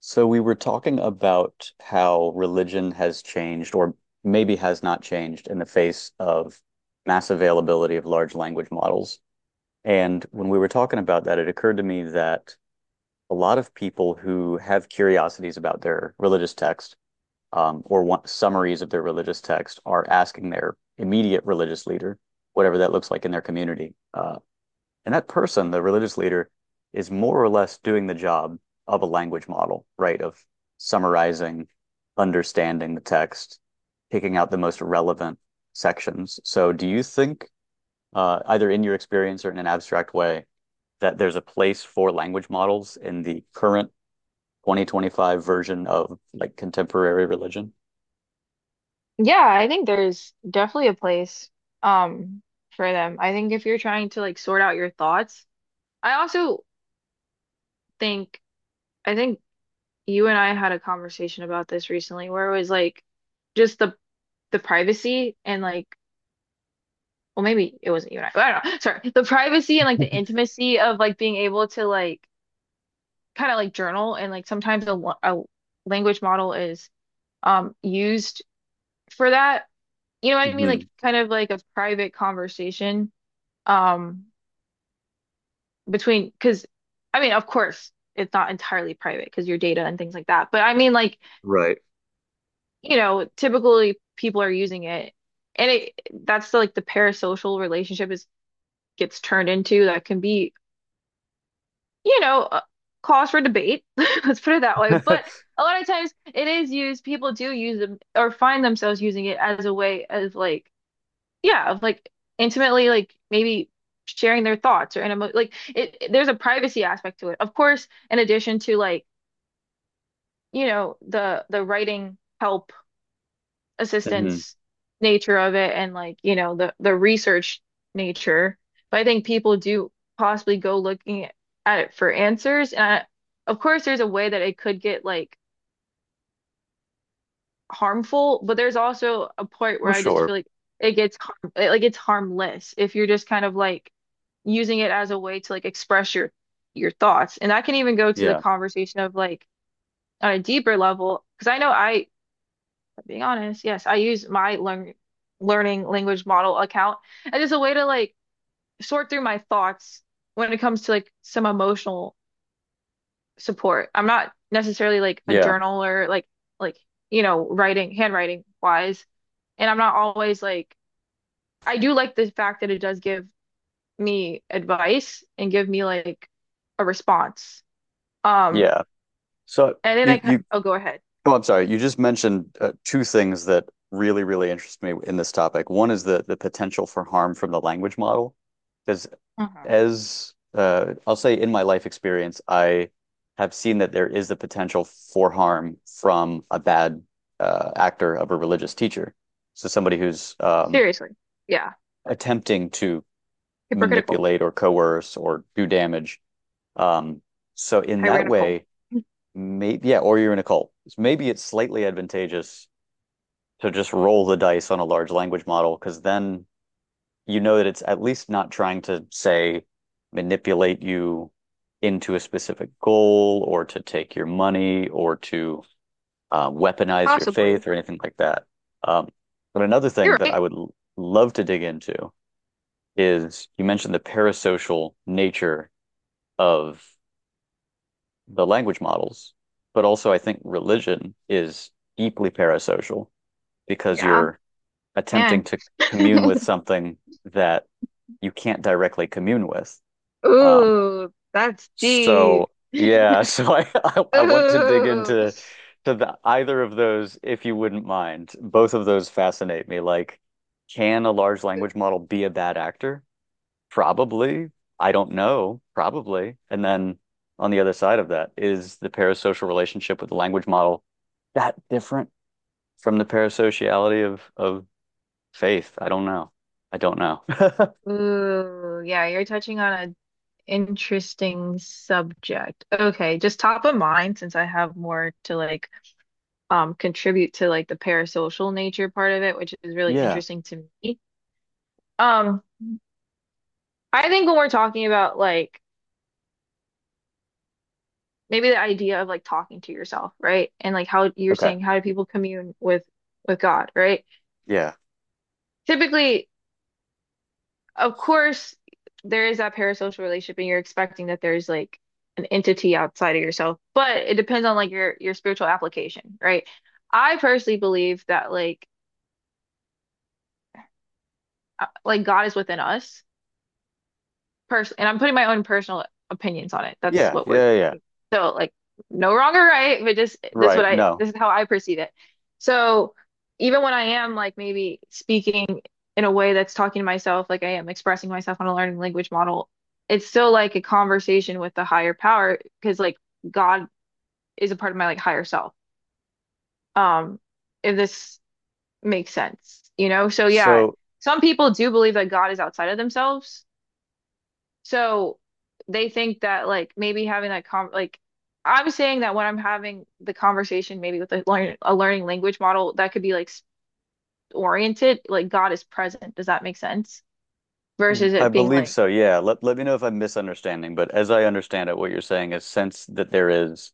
So we were talking about how religion has changed or maybe has not changed in the face of mass availability of large language models. And when we were talking about that, it occurred to me that a lot of people who have curiosities about their religious text or want summaries of their religious text are asking their immediate religious leader, whatever that looks like in their community, and that person, the religious leader, is more or less doing the job of a language model, right? Of summarizing, understanding the text, picking out the most relevant sections. So, do you think, either in your experience or in an abstract way, that there's a place for language models in the current 2025 version of like contemporary religion? Yeah, I think there's definitely a place um for them. I think if you're trying to like sort out your thoughts, I also think think you and I had a conversation about this recently where it was like just the privacy and like well maybe it wasn't you and I, but I don't know. Sorry. The privacy and like the intimacy of like being able to like kind of like journal and like sometimes a language model is used for that. You know what I mean? Like Hmm. kind of like a private conversation. Um between because I mean, of course, it's not entirely private because your data and things like that. But I mean, like, Right. you know, typically people are using it, and it that's like the parasocial relationship is gets turned into that can be, you know, a cause for debate. Let's put it that way. But a lot of times it is used, people do use them or find themselves using it as a way of like, yeah, of like intimately, like maybe sharing their thoughts or in a like it, there's a privacy aspect to it. Of course, in addition to like you know, the writing help Hmm. assistance nature of it and like, you know, the research nature. But I think people do possibly go looking at it for answers. And I, of course there's a way that it could get like harmful, but there's also a point Well, where I just sure. feel like it gets harm it, like it's harmless if you're just kind of like using it as a way to like express your thoughts. And I can even go to the Yeah. conversation of like on a deeper level, because I know I being honest, yes, I use my learning language model account as just a way to like sort through my thoughts when it comes to like some emotional support. I'm not necessarily like a Yeah. journaler, like you know, writing, handwriting wise, and I'm not always like I do like the fact that it does give me advice and give me like a response. Um, Yeah. So and then you you I'll go ahead. Oh, I'm sorry. You just mentioned two things that really, really interest me in this topic. One is the potential for harm from the language model. Because Mhm. as I'll say in my life experience, I have seen that there is the potential for harm from a bad actor of a religious teacher. So somebody who's Seriously, yeah, attempting to hypocritical, manipulate or coerce or do damage. Um, so in that tyrannical, way, maybe yeah, or you're in a cult. Maybe it's slightly advantageous to just roll the dice on a large language model because then you know that it's at least not trying to say manipulate you into a specific goal or to take your money or to weaponize your possibly. faith or anything like that. Um, but another thing You're that right. I would love to dig into is you mentioned the parasocial nature of the language models, but also I think religion is deeply parasocial because Yeah, you're man. attempting to commune with something that you can't directly commune with. Um, Ooh, that's deep. so yeah, so I want to dig Ooh, into to either of those if you wouldn't mind. Both of those fascinate me. Like, can a large language model be a bad actor? Probably. I don't know. Probably. And then on the other side of that, is the parasocial relationship with the language model that different from the parasociality of faith? I don't know. I don't know. ooh, yeah, you're touching on an interesting subject. Okay, just top of mind since I have more to like contribute to like the parasocial nature part of it, which is really Yeah. interesting to me. Um, I think when we're talking about like maybe the idea of like talking to yourself, right? And like how you're Okay. saying how do people commune with God, right? Yeah. Typically of course, there is that parasocial relationship, and you're expecting that there's like an entity outside of yourself, but it depends on like your spiritual application, right? I personally believe that like God is within us, person and I'm putting my own personal opinions on it. That's Yeah. what we're Yeah. Yeah. so like no wrong or right, but just this is what Right. I No. this is how I perceive it. So even when I am like maybe speaking in a way that's talking to myself, like I am expressing myself on a learning language model, it's still like a conversation with the higher power because like God is a part of my like higher self. Um, if this makes sense, you know? So yeah, So some people do believe that God is outside of themselves so they think that like maybe having that con like I'm saying that when I'm having the conversation maybe with a learning language model that could be like s- oriented like God is present. Does that make sense? Versus I it being believe like so. Yeah. Let me know if I'm misunderstanding, but as I understand it, what you're saying is since that there is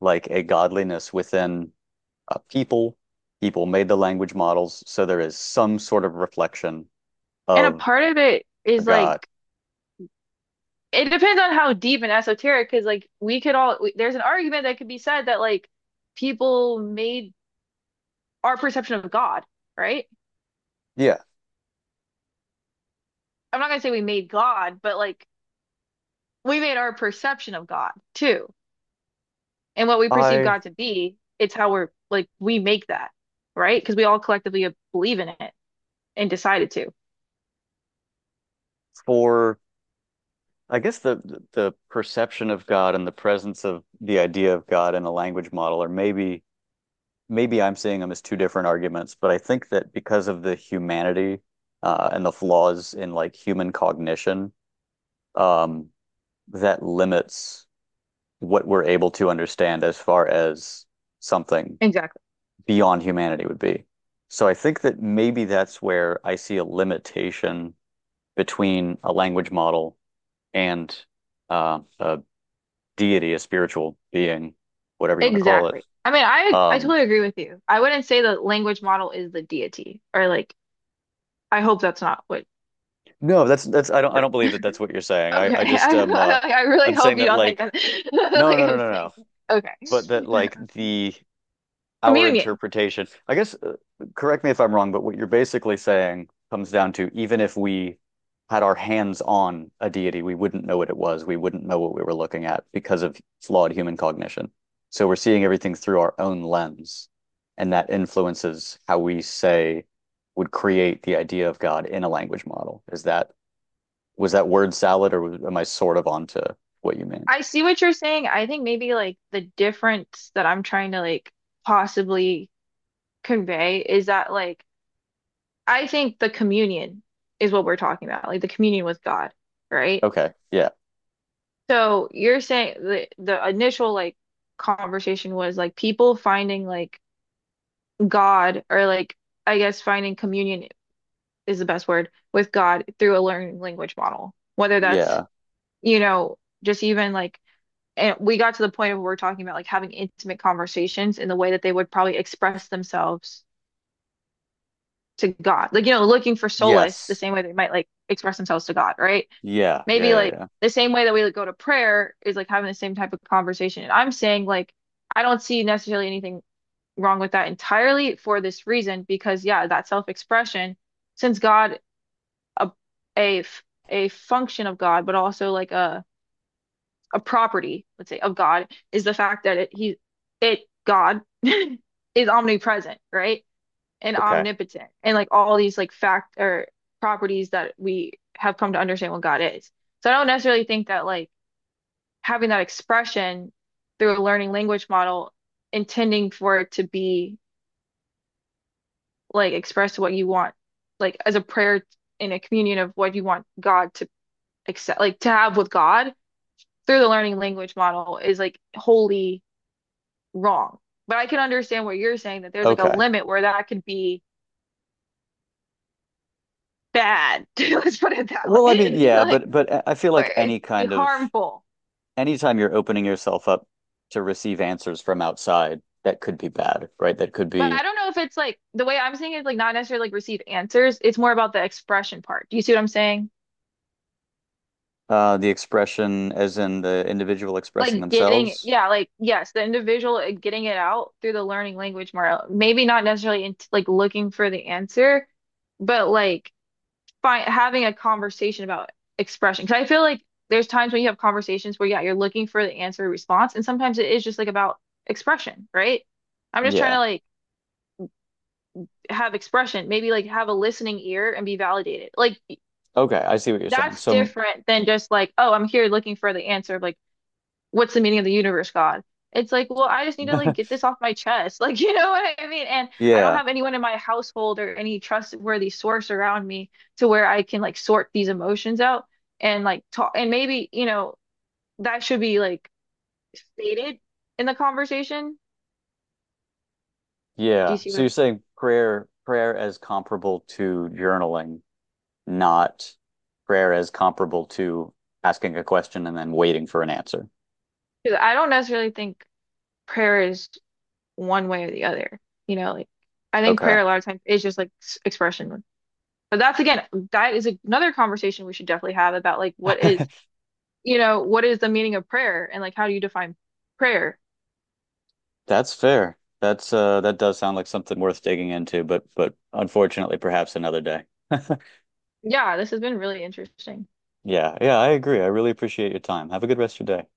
like a godliness within a people, people made the language models, so there is some sort of reflection and a of part of it a is like God. it depends on how deep and esoteric because like we could all, there's an argument that could be said that like people made our perception of God, right? Yeah. I'm not gonna say we made God, but like we made our perception of God too. And what we perceive I God to be, it's how we're like we make that, right? Because we all collectively believe in it and decided to. for I guess the perception of God and the presence of the idea of God in a language model are maybe maybe I'm seeing them as two different arguments, but I think that because of the humanity and the flaws in like human cognition, um, that limits what we're able to understand as far as something Exactly. beyond humanity would be. So I think that maybe that's where I see a limitation between a language model and a deity, a spiritual being, whatever you want to call it. Exactly. I mean, I Um, totally agree with you. I wouldn't say the language model is the deity, or like I hope that's not what No, that's I don't I we're. don't believe that that's what you're saying. I Okay, I just I I, I really I'm saying hope you that don't think like that no like no no I'm no no. saying. Okay, But that like the our communion. interpretation. I guess correct me if I'm wrong, but what you're basically saying comes down to even if we had our hands on a deity, we wouldn't know what it was. We wouldn't know what we were looking at because of flawed human cognition. So we're seeing everything through our own lens, and that influences how we say would create the idea of God in a language model. Is that was that word salad, or am I sort of onto what you mean? I see what you're saying. I think maybe like the difference that I'm trying to like possibly convey is that like I think the communion is what we're talking about, like the communion with God, right? Okay. Yeah. So you're saying the initial like conversation was like people finding like God or like I guess finding communion is the best word with God through a learning language model. Whether that's, Yeah. you know, just even like and we got to the point of where we're talking about like having intimate conversations in the way that they would probably express themselves to God. Like, you know, looking for solace the Yes. same way they might like express themselves to God, right? Yeah. Maybe Yeah. Yeah. like Yeah. the same way that we like, go to prayer is like having the same type of conversation. And I'm saying like I don't see necessarily anything wrong with that entirely for this reason because yeah, that self-expression, since God a a function of God, but also like a property, let's say, of God is the fact that it he it God is omnipresent, right? And Okay. omnipotent and like all these like fact or properties that we have come to understand what God is. So I don't necessarily think that like having that expression through a learning language model, intending for it to be like express what you want, like as a prayer in a communion of what you want God to accept, like to have with God through the learning language model is like wholly wrong. But I can understand what you're saying that there's like a Okay. limit where that could be bad. Let's put it that Well, I mean, way. yeah, Like, but but I feel or like it any could be kind of harmful. anytime you're opening yourself up to receive answers from outside, that could be bad, right? That could But I be don't know if it's like the way I'm saying it, like not necessarily like receive answers. It's more about the expression part. Do you see what I'm saying? The expression as in the individual expressing Like getting themselves. yeah like yes the individual getting it out through the learning language more maybe not necessarily in, like looking for the answer but like find having a conversation about expression because I feel like there's times when you have conversations where yeah you're looking for the answer or response and sometimes it is just like about expression right I'm just trying to Yeah. like have expression maybe like have a listening ear and be validated like Okay, I see what you're saying. that's So different than just like oh I'm here looking for the answer of like what's the meaning of the universe, God? It's like, well, I just need to like get this off my chest. Like, you know what I mean? And I don't yeah, have anyone in my household or any trustworthy source around me to where I can like sort these emotions out and like talk. And maybe, you know, that should be like stated in the conversation. Do yeah. you see So what you're I'm? saying prayer as comparable to journaling not prayer as comparable to asking a question and then waiting for an answer. Because I don't necessarily think prayer is one way or the other. You know, like I think prayer Okay. a lot of times is just like s- expression. But that's again, that is another conversation we should definitely have about like what is you know, what is the meaning of prayer and like how do you define prayer? That's fair. That's that does sound like something worth digging into, but unfortunately perhaps another day. Yeah, this has been really interesting. Yeah, yeah, I agree. I really appreciate your time. Have a good rest of your day.